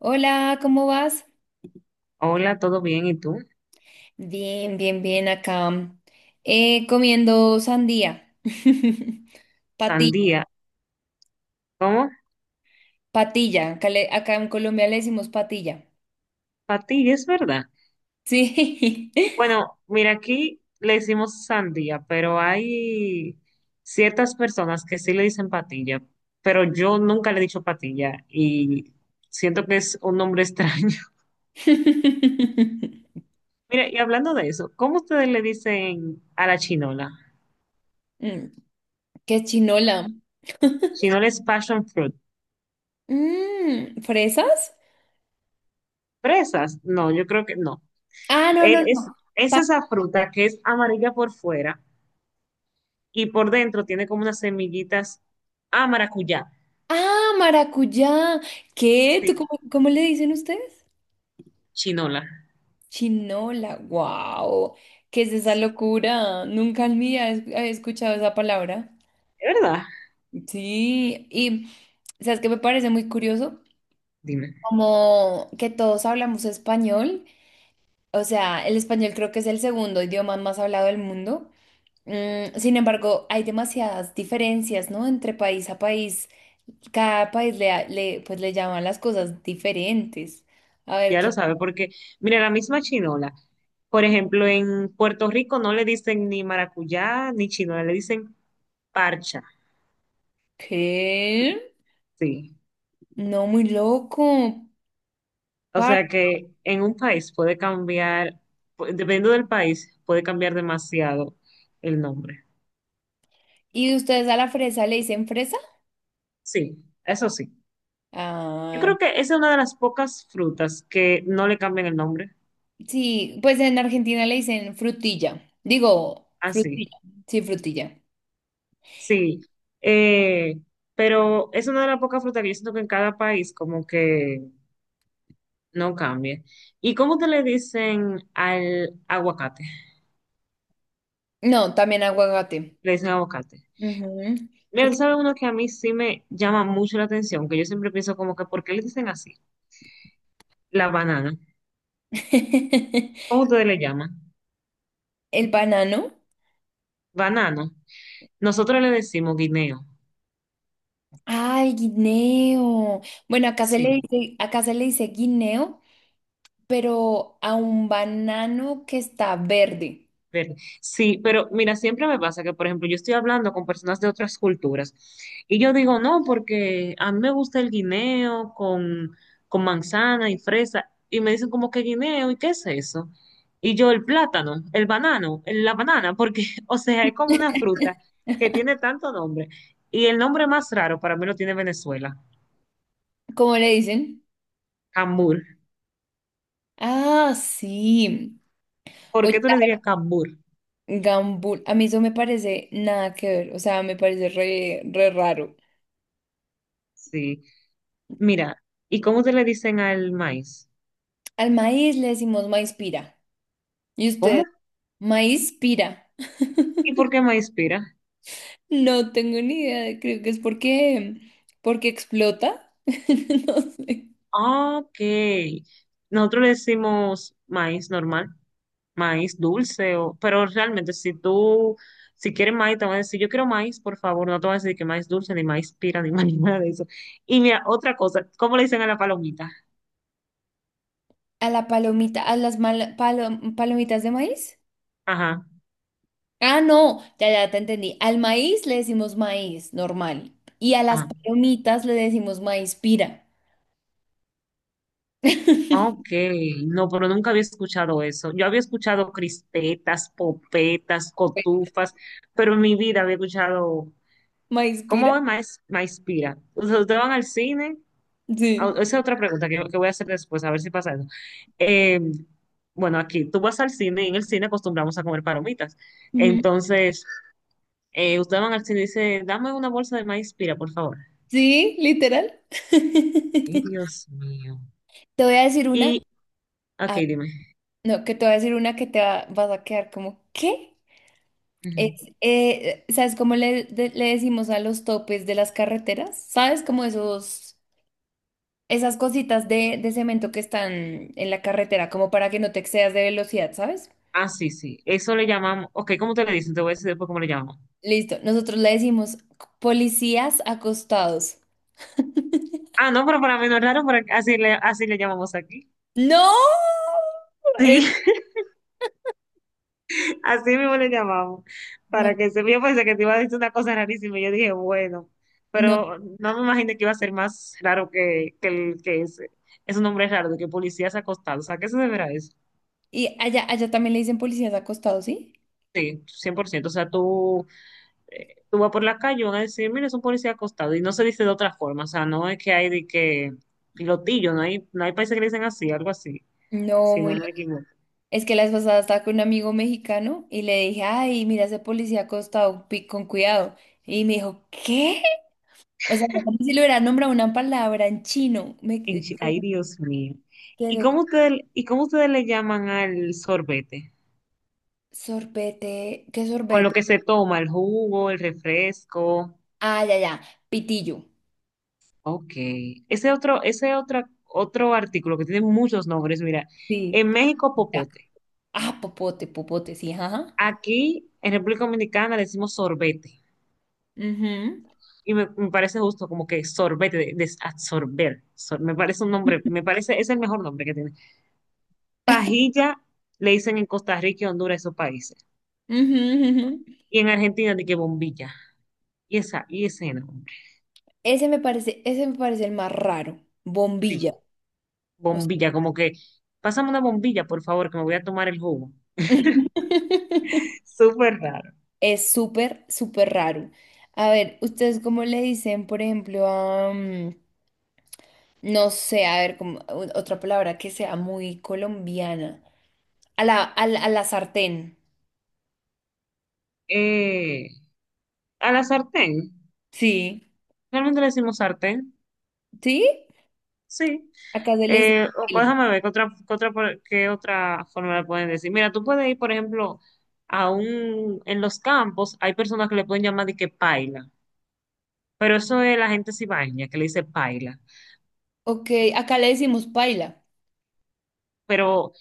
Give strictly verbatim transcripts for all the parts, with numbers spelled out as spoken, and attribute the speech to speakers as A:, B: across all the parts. A: Hola, ¿cómo vas?
B: Hola, ¿todo bien? ¿Y tú?
A: Bien, bien, bien acá. Eh, comiendo sandía. Patilla,
B: Sandía. ¿Cómo?
A: patilla. Acá, le- acá en Colombia le decimos patilla.
B: Patilla, es verdad.
A: Sí.
B: Bueno, mira, aquí le decimos sandía, pero hay ciertas personas que sí le dicen patilla, pero yo nunca le he dicho patilla y siento que es un nombre extraño. Mira, y hablando de eso, ¿cómo ustedes le dicen a la chinola?
A: Mm, ¿qué chinola?
B: Chinola es passion fruit.
A: Mm, ¿fresas?
B: ¿Fresas? No, yo creo que no.
A: Ah, no,
B: Él
A: no,
B: es,
A: no.
B: es
A: Pa-
B: esa fruta que es amarilla por fuera y por dentro tiene como unas semillitas a maracuyá.
A: ah, maracuyá. ¿Qué?
B: Sí,
A: ¿Tú cómo, cómo le dicen ustedes?
B: chinola.
A: Chinola. Wow. ¿Qué es esa locura? Nunca en mi vida he había escuchado esa palabra.
B: ¿Es verdad?
A: Sí, y sabes que me parece muy curioso,
B: Dime.
A: como que todos hablamos español, o sea, el español creo que es el segundo idioma más hablado del mundo. Mm, sin embargo, hay demasiadas diferencias, ¿no? Entre país a país, cada país le, ha- le, pues le llaman las cosas diferentes. A ver,
B: Ya
A: ¿qué?
B: lo sabe, porque mira, la misma chinola. Por ejemplo, en Puerto Rico no le dicen ni maracuyá ni chinola, le dicen parcha.
A: ¿Qué?
B: Sí.
A: No, muy loco.
B: O
A: par-
B: sea que en un país puede cambiar, pu- dependiendo del país, puede cambiar demasiado el nombre.
A: ¿Y ustedes a la fresa le dicen fresa?
B: Sí, eso sí. Yo
A: Ah,
B: creo que esa es una de las pocas frutas que no le cambian el nombre.
A: sí, pues en Argentina le dicen frutilla. Digo,
B: Así.
A: frutilla. Sí, frutilla.
B: Sí, eh, pero es una de las pocas frutas que yo siento que en cada país como que no cambia. ¿Y cómo te le dicen al aguacate?
A: No, también aguacate.
B: Le dicen aguacate.
A: Ujú.
B: Mira, tú
A: Porque
B: sabes uno que a mí sí me llama mucho la atención, que yo siempre pienso como que ¿por qué le dicen así? La banana. ¿Cómo ustedes le llaman?
A: el banano.
B: Banano. Nosotros le decimos guineo.
A: Ay, guineo. Bueno, acá se le
B: Sí.
A: dice, acá se le dice guineo, pero a un banano que está verde.
B: Ver, Sí, pero mira, siempre me pasa que, por ejemplo, yo estoy hablando con personas de otras culturas y yo digo, no, porque a mí me gusta el guineo con, con manzana y fresa y me dicen como que guineo y qué es eso. Y yo el plátano, el banano, el- la banana, porque, o sea, es como una fruta que tiene tanto nombre y el nombre más raro para mí lo tiene Venezuela,
A: ¿Cómo le dicen?
B: cambur.
A: Ah, sí.
B: ¿Por qué
A: Oye,
B: tú le dirías cambur?
A: la gambul. A mí eso me parece nada que ver. O sea, me parece re, re raro.
B: Sí, mira, ¿y cómo te le dicen al maíz?
A: Al maíz le decimos maíz pira. Y usted,
B: ¿Cómo?
A: maíz pira.
B: ¿Y por qué maíz pira?
A: No tengo ni idea, creo que es porque, porque explota. No sé.
B: Ah, Ok. Nosotros le decimos maíz normal, maíz dulce, o, pero realmente si tú, si quieres maíz, te van a decir, yo quiero maíz, por favor, no te van a decir que maíz dulce, ni maíz pira, ni maíz nada de eso. Y mira, otra cosa, ¿cómo le dicen a la palomita?
A: A la palomita, a las mal- palo- palomitas de maíz.
B: Ajá,
A: Ah, no, ya, ya te entendí. Al maíz le decimos maíz, normal. Y a las
B: ah,
A: palomitas le decimos maíz pira.
B: ok, no, pero nunca había escuchado eso. Yo había escuchado crispetas, popetas, cotufas, pero en mi vida había escuchado,
A: ¿Maíz pira?
B: ¿cómo es maíz, maíz pira? O sea, ustedes van al cine. Ah,
A: Sí.
B: esa es otra pregunta que, que voy a hacer después, a ver si pasa eso. Eh, bueno, aquí tú vas al cine y en el cine acostumbramos a comer palomitas.
A: Ujú.
B: Entonces, eh, ustedes van al cine y dicen, dame una bolsa de maíz pira, por favor.
A: Sí, literal.
B: Ay, Dios mío.
A: Te voy a decir una.
B: Y, ok,
A: ah,
B: dime.
A: no, que te voy a decir una que te va- vas a quedar como, ¿qué? Es,
B: Ujú.
A: eh, ¿Sabes cómo le, de- le decimos a los topes de las carreteras? ¿Sabes cómo esos, esas cositas de, de cemento que están en la carretera, como para que no te excedas de velocidad, sabes?
B: Ah, sí, sí. Eso le llamamos. Ok, ¿cómo te le dicen? Te voy a decir después cómo le llamamos.
A: Listo, nosotros le decimos policías acostados.
B: Ah, no, pero para mí no es raro, pero así le, así le llamamos aquí.
A: ¡No! Eh,
B: Sí. Así mismo le llamamos,
A: no,
B: para que se yo pensé que te iba a decir una cosa rarísima y yo dije, bueno,
A: no.
B: pero no me imaginé que iba a ser más raro que, que el que ese. Es un nombre raro de que policías acostados. ¿A qué se deberá eso?
A: Y allá, allá también le dicen policías acostados, ¿sí?
B: Sí, cien por ciento. O sea, tú, eh, tú vas por la calle y van a decir, mira, es un policía acostado. Y no se dice de otra forma. O sea, no es que hay de que pilotillo, no hay, no hay países que le dicen así, algo así,
A: No,
B: si
A: muy
B: no me
A: loco.
B: equivoco.
A: Es que la vez pasada estaba con un amigo mexicano y le dije, ay, mira ese policía acostado, pi- con cuidado. Y me dijo, ¿qué? O sea, como si le hubiera nombrado una palabra en chino, me
B: En
A: que-
B: Chi- Ay, Dios mío. ¿Y
A: quedo con
B: cómo ustedes, y cómo ustedes le llaman al sorbete?
A: sorbete, ¿qué
B: Con lo
A: sorbete?
B: que se toma, el jugo, el refresco.
A: Ah, ya, ya, pitillo.
B: Ok. Ese otro, ese otro, otro artículo que tiene muchos nombres, mira,
A: Sí.
B: en México
A: Ya.
B: popote.
A: Ah, popote, popote, sí, ajá.
B: Aquí en República Dominicana le decimos sorbete.
A: Ujú.
B: Y me, me parece justo como que sorbete, de- desadsorber. Sor- me parece un nombre, me parece, es el mejor nombre que tiene. Pajilla le dicen en Costa Rica y Honduras, esos países.
A: Ujú, ujú.
B: Y en Argentina de que bombilla. Y esa, y ese nombre.
A: Ese me parece, ese me parece el más raro.
B: Sí,
A: Bombilla. O sea,
B: bombilla, como que, pásame una bombilla, por favor, que me voy a tomar el jugo. Súper raro.
A: es súper, súper raro. A ver, ¿ustedes cómo le dicen, por ejemplo, a... mm, no sé, a ver, como, o- otra palabra que sea muy colombiana. A la, a la, a la sartén.
B: Eh, a la sartén.
A: Sí,
B: Realmente le decimos sartén.
A: ¿sí?
B: Sí.
A: Acá se le dice
B: Eh, o, pues,
A: paila.
B: déjame ver qué otra, qué otra, por- qué otra forma le pueden decir. Mira, tú puedes ir, por ejemplo, a un, en los campos hay personas que le pueden llamar de que paila. Pero eso es la gente cibaeña que le dice paila.
A: Ok, acá le decimos paila.
B: Pero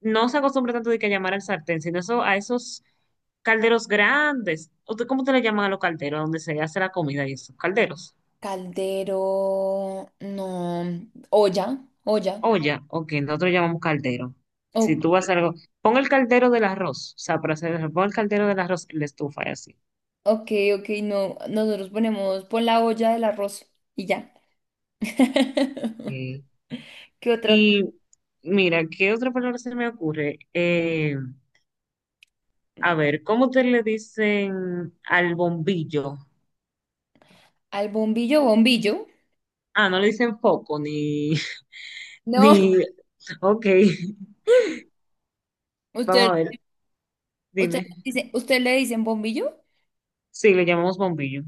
B: no se acostumbra tanto de que llamar al sartén, sino eso, a esos calderos grandes. ¿Usted cómo te le llaman a los calderos donde se hace la comida y esos calderos?
A: Caldero, no, olla, olla.
B: Olla, ok, nosotros llamamos caldero. Si
A: Ok,
B: tú vas a hacer algo, pon el caldero del arroz, o sea, para hacer el- pon el caldero del arroz en la estufa y así.
A: ok, ok, no, nosotros ponemos, pon la olla del arroz y ya.
B: Ok.
A: ¿Qué otras?
B: Y mira, ¿qué otra palabra se me ocurre? Eh, a ver, ¿cómo te le dicen al bombillo?
A: Al bombillo, bombillo.
B: Ah, no le dicen foco, ni,
A: No,
B: ni, ok, vamos
A: usted,
B: a ver,
A: usted
B: dime.
A: dice, ¿usted le dicen bombillo?
B: Sí, le llamamos bombillo.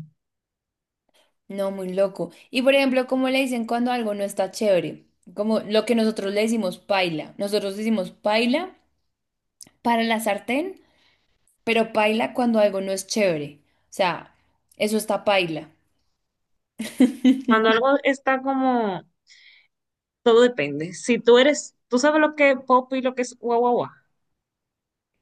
A: No, muy loco. Y por ejemplo, ¿cómo le dicen cuando algo no está chévere? Como lo que nosotros le decimos paila. Nosotros decimos paila para la sartén, pero paila cuando algo no es chévere. O sea, eso está paila.
B: Cuando algo está como, todo depende. Si tú eres, ¿Tú sabes lo que es pop y lo que es guau, guau, guau?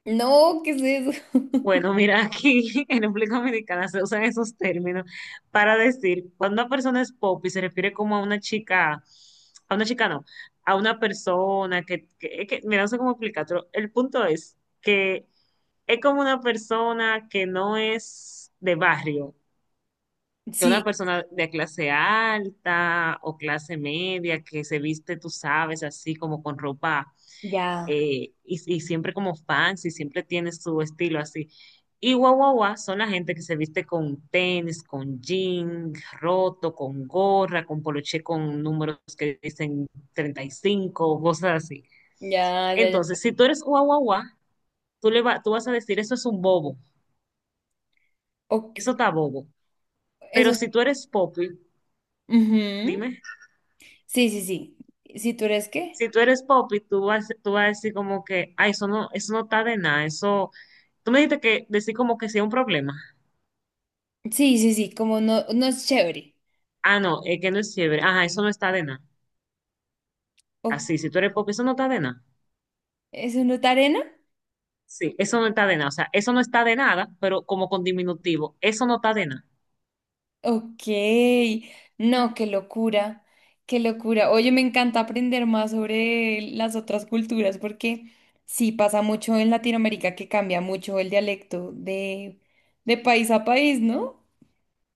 A: No, ¿qué es eso?
B: Bueno, mira, aquí en República Dominicana se usan esos términos para decir cuando una persona es pop y se refiere como a una chica, a una chica no, a una persona que, que, que- mira, no sé cómo explicarlo. El punto es que es como una persona que no es de barrio, que una
A: Sí,
B: persona de clase alta o clase media que se viste, tú sabes, así como con ropa
A: ya,
B: eh, y, y siempre como fancy, siempre tiene su estilo así. Y guau, guau, guau, son la gente que se viste con tenis, con jean roto, con gorra, con poloché con números que dicen treinta y cinco, cosas así.
A: ya, ya, ya.
B: Entonces, si tú eres guau, guau, guau, tú le va- tú vas a decir, eso es un bobo,
A: Ok,
B: eso está bobo.
A: eso
B: Pero
A: es.
B: si tú eres popi,
A: Ujú.
B: dime.
A: Sí, sí, sí. ¿Si tú eres qué?
B: Si tú eres pop y tú vas, tú vas a decir como que, ay, eso no, eso no está de nada, eso, tú me dijiste que decir como que sea un problema.
A: Sí, sí, sí, como no, no es chévere.
B: Ah, no, es que no es fiebre. Ajá, eso no está de nada.
A: O-
B: Así, si tú eres pop, eso no está de nada.
A: ¿Eso no es arena?
B: Sí, eso no está de nada. O sea, eso no está de nada, pero como con diminutivo, eso no está de nada.
A: Ok, no, qué locura, qué locura. Oye, me encanta aprender más sobre las otras culturas porque sí pasa mucho en Latinoamérica que cambia mucho el dialecto de, de país a país, ¿no?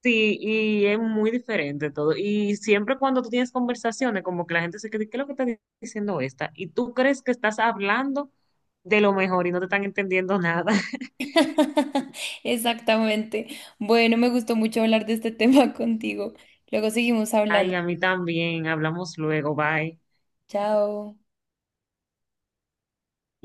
B: Sí, y es muy diferente todo. Y siempre cuando tú tienes conversaciones, como que la gente se cree, ¿qué es lo que está di- diciendo esta? Y tú crees que estás hablando de lo mejor y no te están entendiendo nada.
A: Exactamente. Bueno, me gustó mucho hablar de este tema contigo. Luego seguimos
B: Ay,
A: hablando.
B: a mí también. Hablamos luego. Bye.
A: Chao.